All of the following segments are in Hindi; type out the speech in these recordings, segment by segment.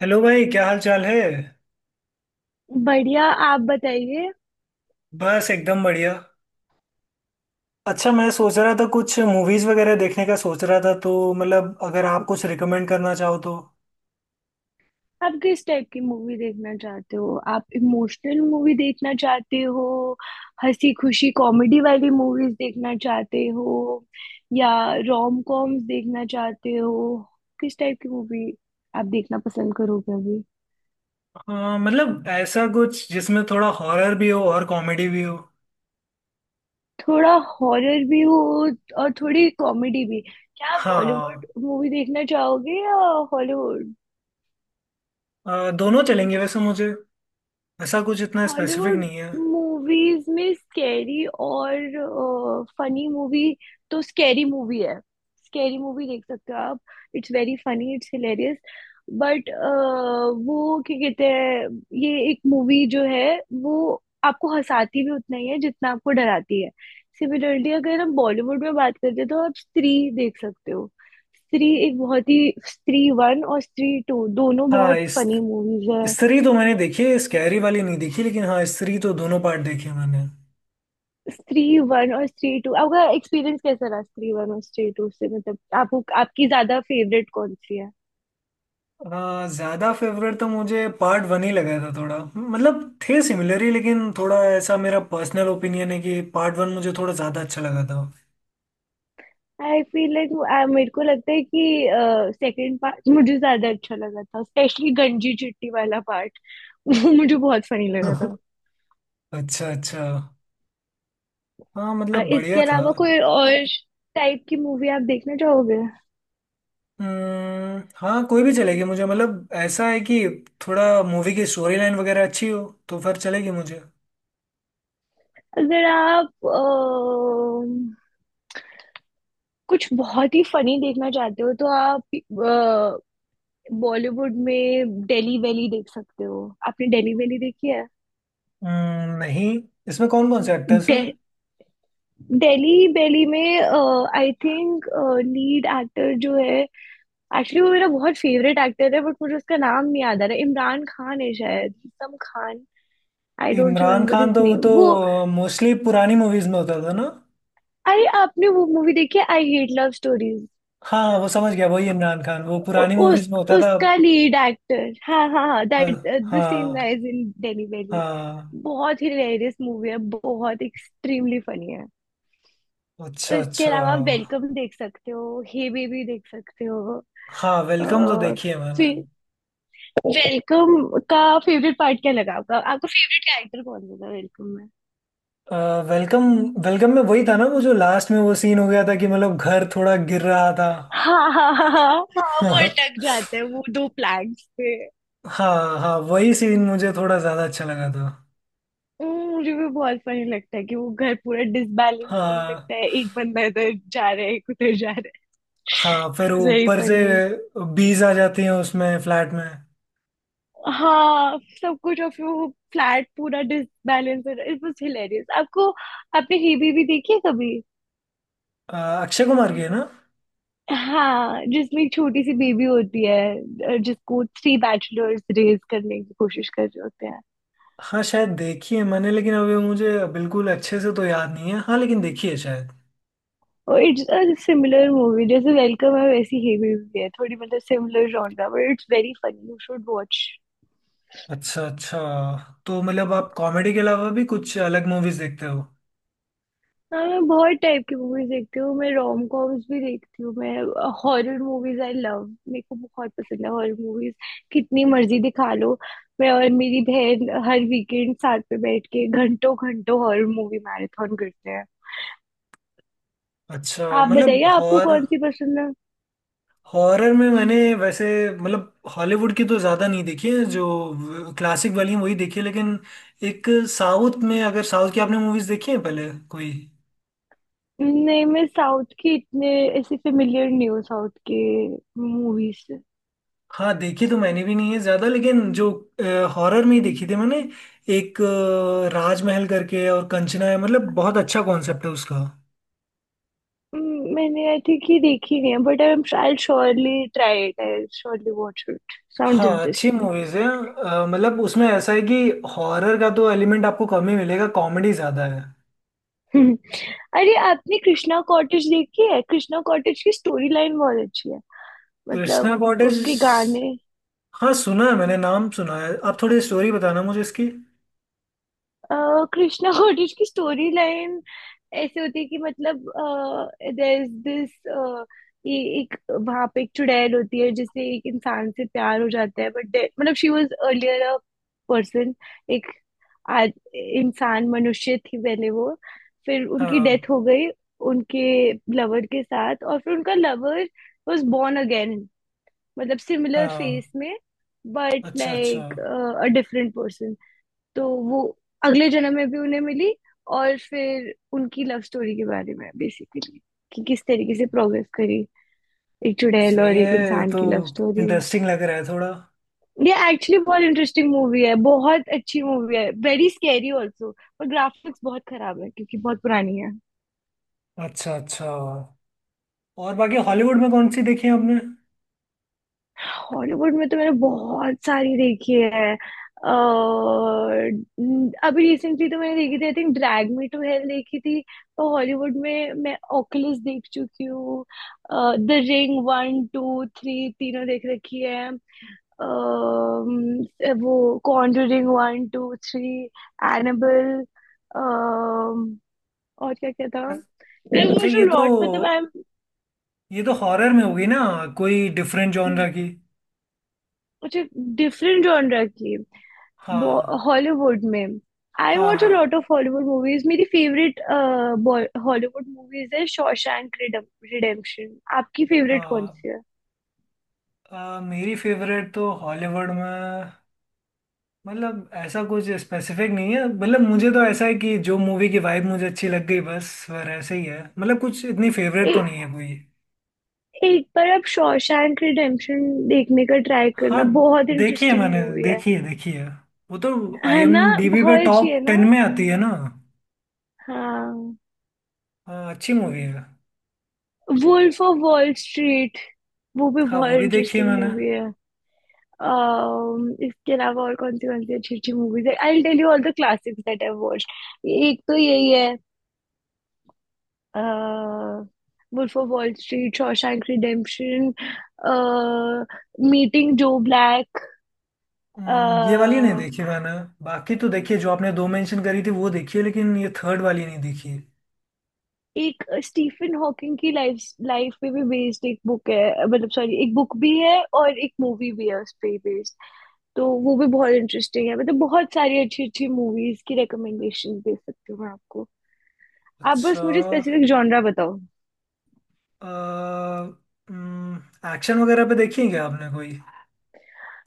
हेलो भाई, क्या हाल चाल है। बढ़िया। आप बताइए। बस एकदम बढ़िया। अच्छा, मैं सोच रहा था कुछ मूवीज वगैरह देखने का सोच रहा था, तो मतलब अगर आप कुछ रिकमेंड करना चाहो तो। आप किस टाइप की मूवी देखना चाहते हो? आप इमोशनल मूवी देखना चाहते हो? हंसी खुशी कॉमेडी वाली मूवीज देखना चाहते हो या रोम कॉम्स देखना चाहते हो? किस टाइप की मूवी आप देखना पसंद करोगे अभी? हाँ, मतलब ऐसा कुछ जिसमें थोड़ा हॉरर भी हो और कॉमेडी भी हो। थोड़ा हॉरर भी हो और थोड़ी कॉमेडी भी। क्या आप बॉलीवुड हाँ, मूवी देखना चाहोगे या हॉलीवुड? दोनों चलेंगे वैसे मुझे। ऐसा कुछ इतना स्पेसिफिक हॉलीवुड नहीं है। मूवीज में स्कैरी और फनी मूवी, तो स्कैरी मूवी है। स्कैरी मूवी देख सकते हो आप। It's very funny, it's hilarious. But वो क्या कहते हैं, ये एक मूवी जो है वो आपको हंसाती भी उतना ही है जितना आपको डराती है। सिमिलरली अगर हम बॉलीवुड में बात करते हैं तो आप स्त्री देख सकते हो। स्त्री एक बहुत ही स्त्री वन और स्त्री टू दोनों हाँ, बहुत इस फनी मूवीज है। स्त्री तो मैंने देखी है, स्कैरी वाली नहीं देखी लेकिन। हाँ, स्त्री तो दोनों पार्ट देखे मैंने। स्त्री वन और स्त्री टू, आपका एक्सपीरियंस कैसा रहा स्त्री वन और स्त्री टू से? मतलब, आपको आपकी ज्यादा फेवरेट कौन सी है? हाँ, ज्यादा फेवरेट तो मुझे पार्ट वन ही लगा था। थोड़ा मतलब थे सिमिलर ही, लेकिन थोड़ा ऐसा मेरा पर्सनल ओपिनियन है कि पार्ट वन मुझे थोड़ा ज्यादा अच्छा लगा था। आई फील लाइक मेरे को लगता है कि सेकंड पार्ट मुझे ज्यादा अच्छा लगा था, स्पेशली गंजी चिट्टी वाला पार्ट। वो मुझे बहुत फनी लगा था। अच्छा अच्छा। हाँ, मतलब इसके बढ़िया था। अलावा कोई और टाइप की मूवी आप देखना चाहोगे? हम्म, हाँ कोई भी चलेगी मुझे। मतलब ऐसा है कि थोड़ा मूवी की स्टोरी लाइन वगैरह अच्छी हो तो फिर चलेगी मुझे। अगर आप कुछ बहुत ही फनी देखना चाहते हो तो आप बॉलीवुड में डेली वैली देख सकते हो। आपने डेली वैली देखी है? नहीं। इसमें कौन कौन से एक्टर्स हैं। डे, डेली वैली में आई थिंक लीड एक्टर जो है, एक्चुअली वो मेरा बहुत फेवरेट एक्टर है, बट मुझे उसका नाम नहीं याद आ रहा है। इमरान खान है शायद, some Khan, I don't Imran remember Khan? His तो वो नेम तो वो। मोस्टली पुरानी मूवीज में होता था ना। अरे, आपने वो मूवी देखी है आई हेट लव स्टोरीज? हाँ हाँ, वो समझ गया, वही इमरान खान, वो पुरानी उस मूवीज में होता था। उसका लीड एक्टर, हाँ हाँ हाँ, अ, दैट द सेम हाँ गाइज इन डेली वैली। हाँ। बहुत ही हिलेरियस मूवी है, बहुत एक्सट्रीमली फनी है। अच्छा इसके अच्छा। अलावा वेलकम देख सकते हो, हे बेबी देख सकते हो। हाँ, वेलकम तो अह, देखी है मैंने। फिर वेलकम का फेवरेट पार्ट क्या लगा आपका आपका फेवरेट कैरेक्टर कौन लगा वेलकम में? अ, वेलकम। वेलकम में वही था ना, वो जो लास्ट में वो सीन हो गया था कि मतलब घर थोड़ा गिर रहा था। हाँ हाँ हाँ हाँ हाँ, वो हाँ। अटक जाते हैं वो दो प्लैंक्स पे। हाँ हाँ, वही सीन मुझे थोड़ा ज्यादा अच्छा लगा था। मुझे भी बहुत फनी लगता है कि वो घर पूरा डिसबैलेंस होने हाँ, लगता है, एक बंदा इधर जा रहा है एक उधर जा रहा हाँ है। फिर वेरी ऊपर से फनी। बीज आ जाती हैं उसमें फ्लैट में। हाँ सब कुछ, और फिर वो फ्लैट पूरा डिसबैलेंस हो रहा है, इट वाज हिलेरियस। आपको, आपने हेबी भी देखी है कभी? अ, अक्षय कुमार की है ना। हाँ, जिसमें छोटी सी बेबी होती है जिसको थ्री बैचलर्स रेज करने की कोशिश कर रहे होते हैं। हाँ, शायद देखी है मैंने, लेकिन अभी मुझे बिल्कुल अच्छे से तो याद नहीं है। हाँ, लेकिन देखी है शायद। और इट्स अ सिमिलर मूवी, जैसे वेलकम है वैसी ही मूवी है थोड़ी, मतलब similar genre, but it's very funny, you should watch. अच्छा अच्छा। तो मतलब आप कॉमेडी के अलावा भी कुछ अलग मूवीज देखते हो। हाँ, मैं बहुत टाइप की मूवीज देखती हूँ, मैं रोम कॉम्स भी देखती हूँ, मैं हॉरर मूवीज आई लव, मेरे को बहुत पसंद है हॉरर मूवीज। कितनी मर्जी दिखा लो। मैं और मेरी बहन हर वीकेंड साथ में बैठ के घंटों घंटों हॉरर मूवी मैराथन करते हैं। अच्छा, आप बताइए, मतलब आपको कौन सी पसंद है? हॉरर में मैंने वैसे, मतलब हॉलीवुड की तो ज़्यादा नहीं देखी है, जो क्लासिक वाली हैं वही देखी है। लेकिन एक, साउथ में, अगर साउथ की आपने मूवीज देखी है पहले कोई। नहीं, मैं साउथ की इतने ऐसे फेमिलियर नहीं हूँ, साउथ के मूवीज से। हाँ, देखी तो मैंने भी नहीं है ज़्यादा, लेकिन जो हॉरर में ही देखी थी मैंने, एक राजमहल करके और कंचना है। मतलब बहुत अच्छा कॉन्सेप्ट है उसका। मैंने आई थिंक ये देखी नहीं है, but I surely try it, I surely watch it. Sound हाँ, अच्छी इंटरेस्टिंग। मूवीज है। मतलब उसमें ऐसा है कि हॉरर का तो एलिमेंट आपको कम ही मिलेगा, कॉमेडी ज्यादा है। अरे, आपने कृष्णा कॉटेज देखी है? कृष्णा कॉटेज की स्टोरी लाइन बहुत अच्छी है, मतलब कृष्णा कॉटेज? उसके गाने। हाँ, सुना है मैंने, नाम सुना है। आप थोड़ी स्टोरी बताना मुझे इसकी। कृष्णा कोटेज की स्टोरी लाइन ऐसे होती है कि, मतलब, देयर इज दिस, ये एक वहां पे एक चुड़ैल होती है जिससे एक इंसान से प्यार हो जाता है, बट मतलब she was earlier a person. एक आज इंसान मनुष्य थी पहले वो, फिर उनकी हाँ। डेथ हो गई उनके लवर के साथ, और फिर उनका लवर वाज बोर्न अगेन, मतलब सिमिलर हाँ, फेस में, बट अच्छा अच्छा। Like a different person. तो वो अगले जन्म में भी उन्हें मिली, और फिर उनकी लव स्टोरी के बारे में, बेसिकली कि किस तरीके से प्रोग्रेस करी, एक चुड़ैल सही और है। एक ये इंसान तो की लव स्टोरी। इंटरेस्टिंग लग रहा है थोड़ा। ये एक्चुअली बहुत इंटरेस्टिंग मूवी है, बहुत अच्छी मूवी है, वेरी स्कैरी ऑल्सो। पर ग्राफिक्स बहुत खराब है, क्योंकि बहुत पुरानी है। अच्छा अच्छा। और बाकी हॉलीवुड में कौन सी देखी है आपने। हॉलीवुड में तो मैंने बहुत सारी देखी है, और अभी रिसेंटली तो मैंने देखी थी I think, Drag Me to Hell देखी थी। तो हॉलीवुड में मैं ओकुलस देख चुकी हूँ। The Ring one two three तीनों देख रखी है। वो Conjuring one two three, Annabelle, और क्या क्या था, अ- मैं अच्छा, वो जो लॉट, मतलब आई एम। ये तो हॉरर में होगी ना। कोई डिफरेंट जॉनरा की? मुझे डिफरेंट जॉनर की हाँ हॉलीवुड में, आई हाँ। वॉच अ हाँ लॉट ऑफ हॉलीवुड मूवीज। मेरी फेवरेट हॉलीवुड मूवीज है शॉशैंक रिडेम्पशन। आपकी फेवरेट कौन हाँ। सी है? मेरी फेवरेट तो हॉलीवुड में, मतलब ऐसा कुछ स्पेसिफिक नहीं है। मतलब मुझे तो ऐसा है कि जो मूवी की वाइब मुझे अच्छी लग गई, बस वह ऐसे ही है। मतलब कुछ इतनी ए, फेवरेट तो नहीं है कोई। एक बार आप शॉशैंक रिडेम्पशन देखने का ट्राई हाँ, करना, बहुत देखी है इंटरेस्टिंग मैंने, मूवी है। देखी है, देखी है। वो तो है ना? IMDb पे बहुत अच्छी है टॉप ना? टेन में आती है ना। हाँ। अच्छी मूवी है। वुल्फ ऑफ वॉल स्ट्रीट, वो भी हाँ, बहुत वो भी देखी है इंटरेस्टिंग मैंने। मूवी है। इसके अलावा और कौन सी अच्छी अच्छी मूवीज है, I tell you all the classics that I watched. एक तो यही है, uh, Wolf of Wall Street, Shawshank Redemption, uh, Meeting Joe Black, ये वाली नहीं uh, देखी मैंने। बाकी तो देखी है, जो आपने दो मेंशन करी थी वो देखी है, लेकिन ये थर्ड वाली नहीं देखी। एक स्टीफन हॉकिंग की लाइफ लाइफ पे भी बेस्ड एक बुक है, मतलब सॉरी, एक बुक भी है और एक मूवी भी है उस पे बेस्ड। तो वो भी बहुत इंटरेस्टिंग है, मतलब बहुत सारी अच्छी अच्छी मूवीज की रिकमेंडेशन दे सकती हूँ मैं आपको। आप बस अच्छा। मुझे स्पेसिफिक जॉनरा बताओ। एक्शन वगैरह पे देखी है क्या आपने कोई?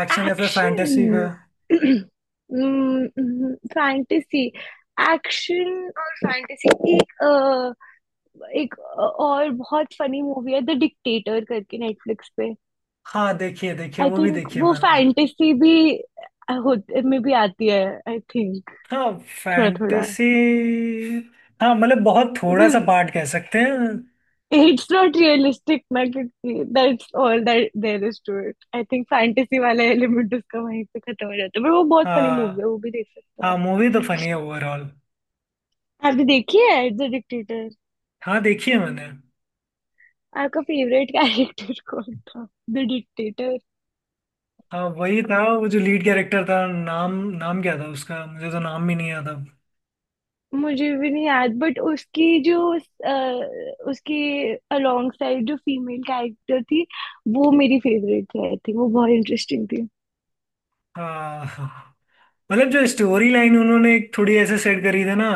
एक्शन या फिर एक्शन, फैंटेसी पे। फैंटेसी। एक्शन और फैंटेसी, और बहुत फनी मूवी है द डिक्टेटर करके नेटफ्लिक्स पे। हाँ, देखिए देखिए, आई वो भी थिंक देखिए वो मैंने। फैंटेसी भी होते में भी आती है, आई थिंक, हाँ, थोड़ा थोड़ा। फैंटेसी। हाँ, मतलब बहुत थोड़ा सा बिकॉज पार्ट कह सकते हैं। इट्स नॉट रियलिस्टिक ना, क्योंकि that's all that there is to it. I think fantasy वाला एलिमेंट उसका वहीं पे खत्म हो जाता है, पर वो बहुत फनी मूवी है, हाँ, वो भी देख सकता हाँ है। मूवी तो फनी है ओवरऑल। आपने देखी है द डिक्टेटर? हाँ, देखी है मैंने। आपका फेवरेट कैरेक्टर कौन था द डिक्टेटर? हाँ, वही था वो जो लीड कैरेक्टर था। नाम, नाम क्या था उसका, मुझे तो नाम भी नहीं याद अब। मुझे भी नहीं याद, बट उसकी जो उसके अलोंग साइड जो फीमेल कैरेक्टर थी, वो मेरी फेवरेट थी आई थिंक, वो बहुत इंटरेस्टिंग थी। हाँ, मतलब जो स्टोरी लाइन उन्होंने थोड़ी ऐसे सेट करी थी ना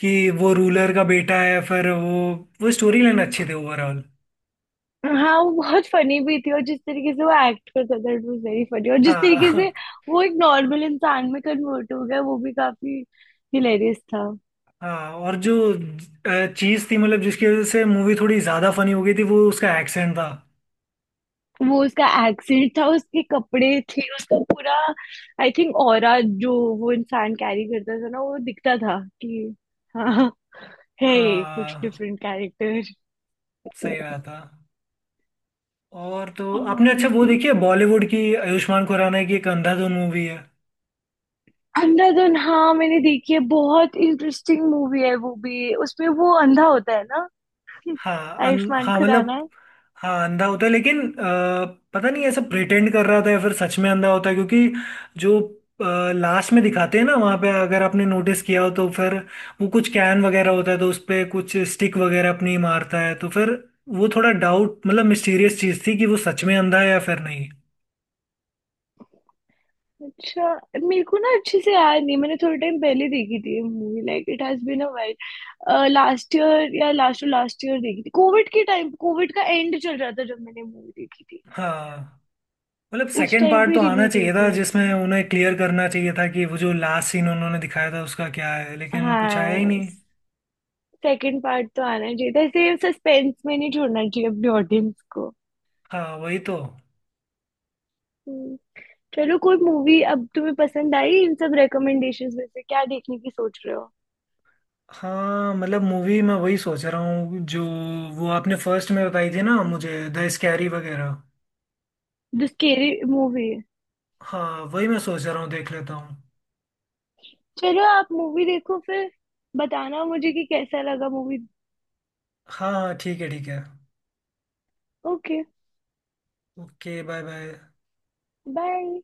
कि वो रूलर का बेटा है, फिर वो स्टोरी लाइन अच्छी थी ओवरऑल। हाँ, वो बहुत फनी भी थी, और जिस तरीके से वो एक्ट करता था इट वाज वेरी फनी, और जिस तरीके हाँ से वो एक नॉर्मल इंसान में कन्वर्ट हो गया, वो भी काफी हिलेरियस था। हाँ, और जो चीज थी, मतलब जिसकी वजह से मूवी थोड़ी ज्यादा फनी हो गई थी, वो उसका एक्सेंट था। वो उसका एक्सेंट था, उसके कपड़े थे, उसका पूरा आई थिंक ऑरा जो वो इंसान कैरी करता था ना, वो दिखता था कि हाँ, है ये कुछ हाँ, डिफरेंट कैरेक्टर। सही बात था। और तो आपने, अच्छा वो और देखी है बॉलीवुड की आयुष्मान खुराना की एक अंधाधुन मूवी है। अंधाधुन, हाँ मैंने देखी है, बहुत इंटरेस्टिंग मूवी है वो भी, उसमें वो अंधा होता है ना। आयुष्मान हाँ मतलब। खुराना। हाँ, अंधा होता है, लेकिन पता नहीं ऐसा प्रिटेंड कर रहा था या फिर सच में अंधा होता है। क्योंकि जो लास्ट में दिखाते हैं ना, वहाँ पे अगर आपने नोटिस किया हो तो फिर वो कुछ कैन वगैरह होता है, तो उस पे कुछ स्टिक वगैरह अपनी मारता है, तो फिर वो थोड़ा डाउट, मतलब मिस्टीरियस चीज़ थी कि वो सच में अंधा है या फिर नहीं। अच्छा, मेरे को ना अच्छे से याद नहीं, मैंने थोड़े टाइम पहले देखी थी movie, like it has been a while, last year या लास्ट लास्ट ईयर देखी थी, कोविड के टाइम, कोविड का एंड चल रहा था जब मैंने मूवी देखी थी। हाँ, मतलब उस सेकंड टाइम पार्ट पे तो आना रिलीज हुई चाहिए था, थी आई जिसमें थिंक। उन्हें क्लियर करना चाहिए था कि वो जो लास्ट सीन उन्होंने दिखाया था उसका क्या है, लेकिन कुछ आया ही हाँ, नहीं। सेकंड पार्ट तो आना चाहिए था, ऐसे सस्पेंस में नहीं छोड़ना चाहिए अपने ऑडियंस को। हाँ, वही तो। हम्म, चलो, कोई मूवी अब तुम्हें पसंद आई इन सब रिकमेंडेशंस में से, क्या देखने की सोच रहे हो? हाँ, मतलब मूवी मैं वही सोच रहा हूँ, जो वो आपने फर्स्ट में बताई थी ना मुझे, द स्कैरी वगैरह। The scary movie? हाँ, वही मैं सोच रहा हूँ, देख लेता हूँ। चलो, आप मूवी देखो फिर, बताना मुझे कि कैसा लगा मूवी। हाँ हाँ, ठीक है ठीक है। Okay, okay, bye bye. Bye.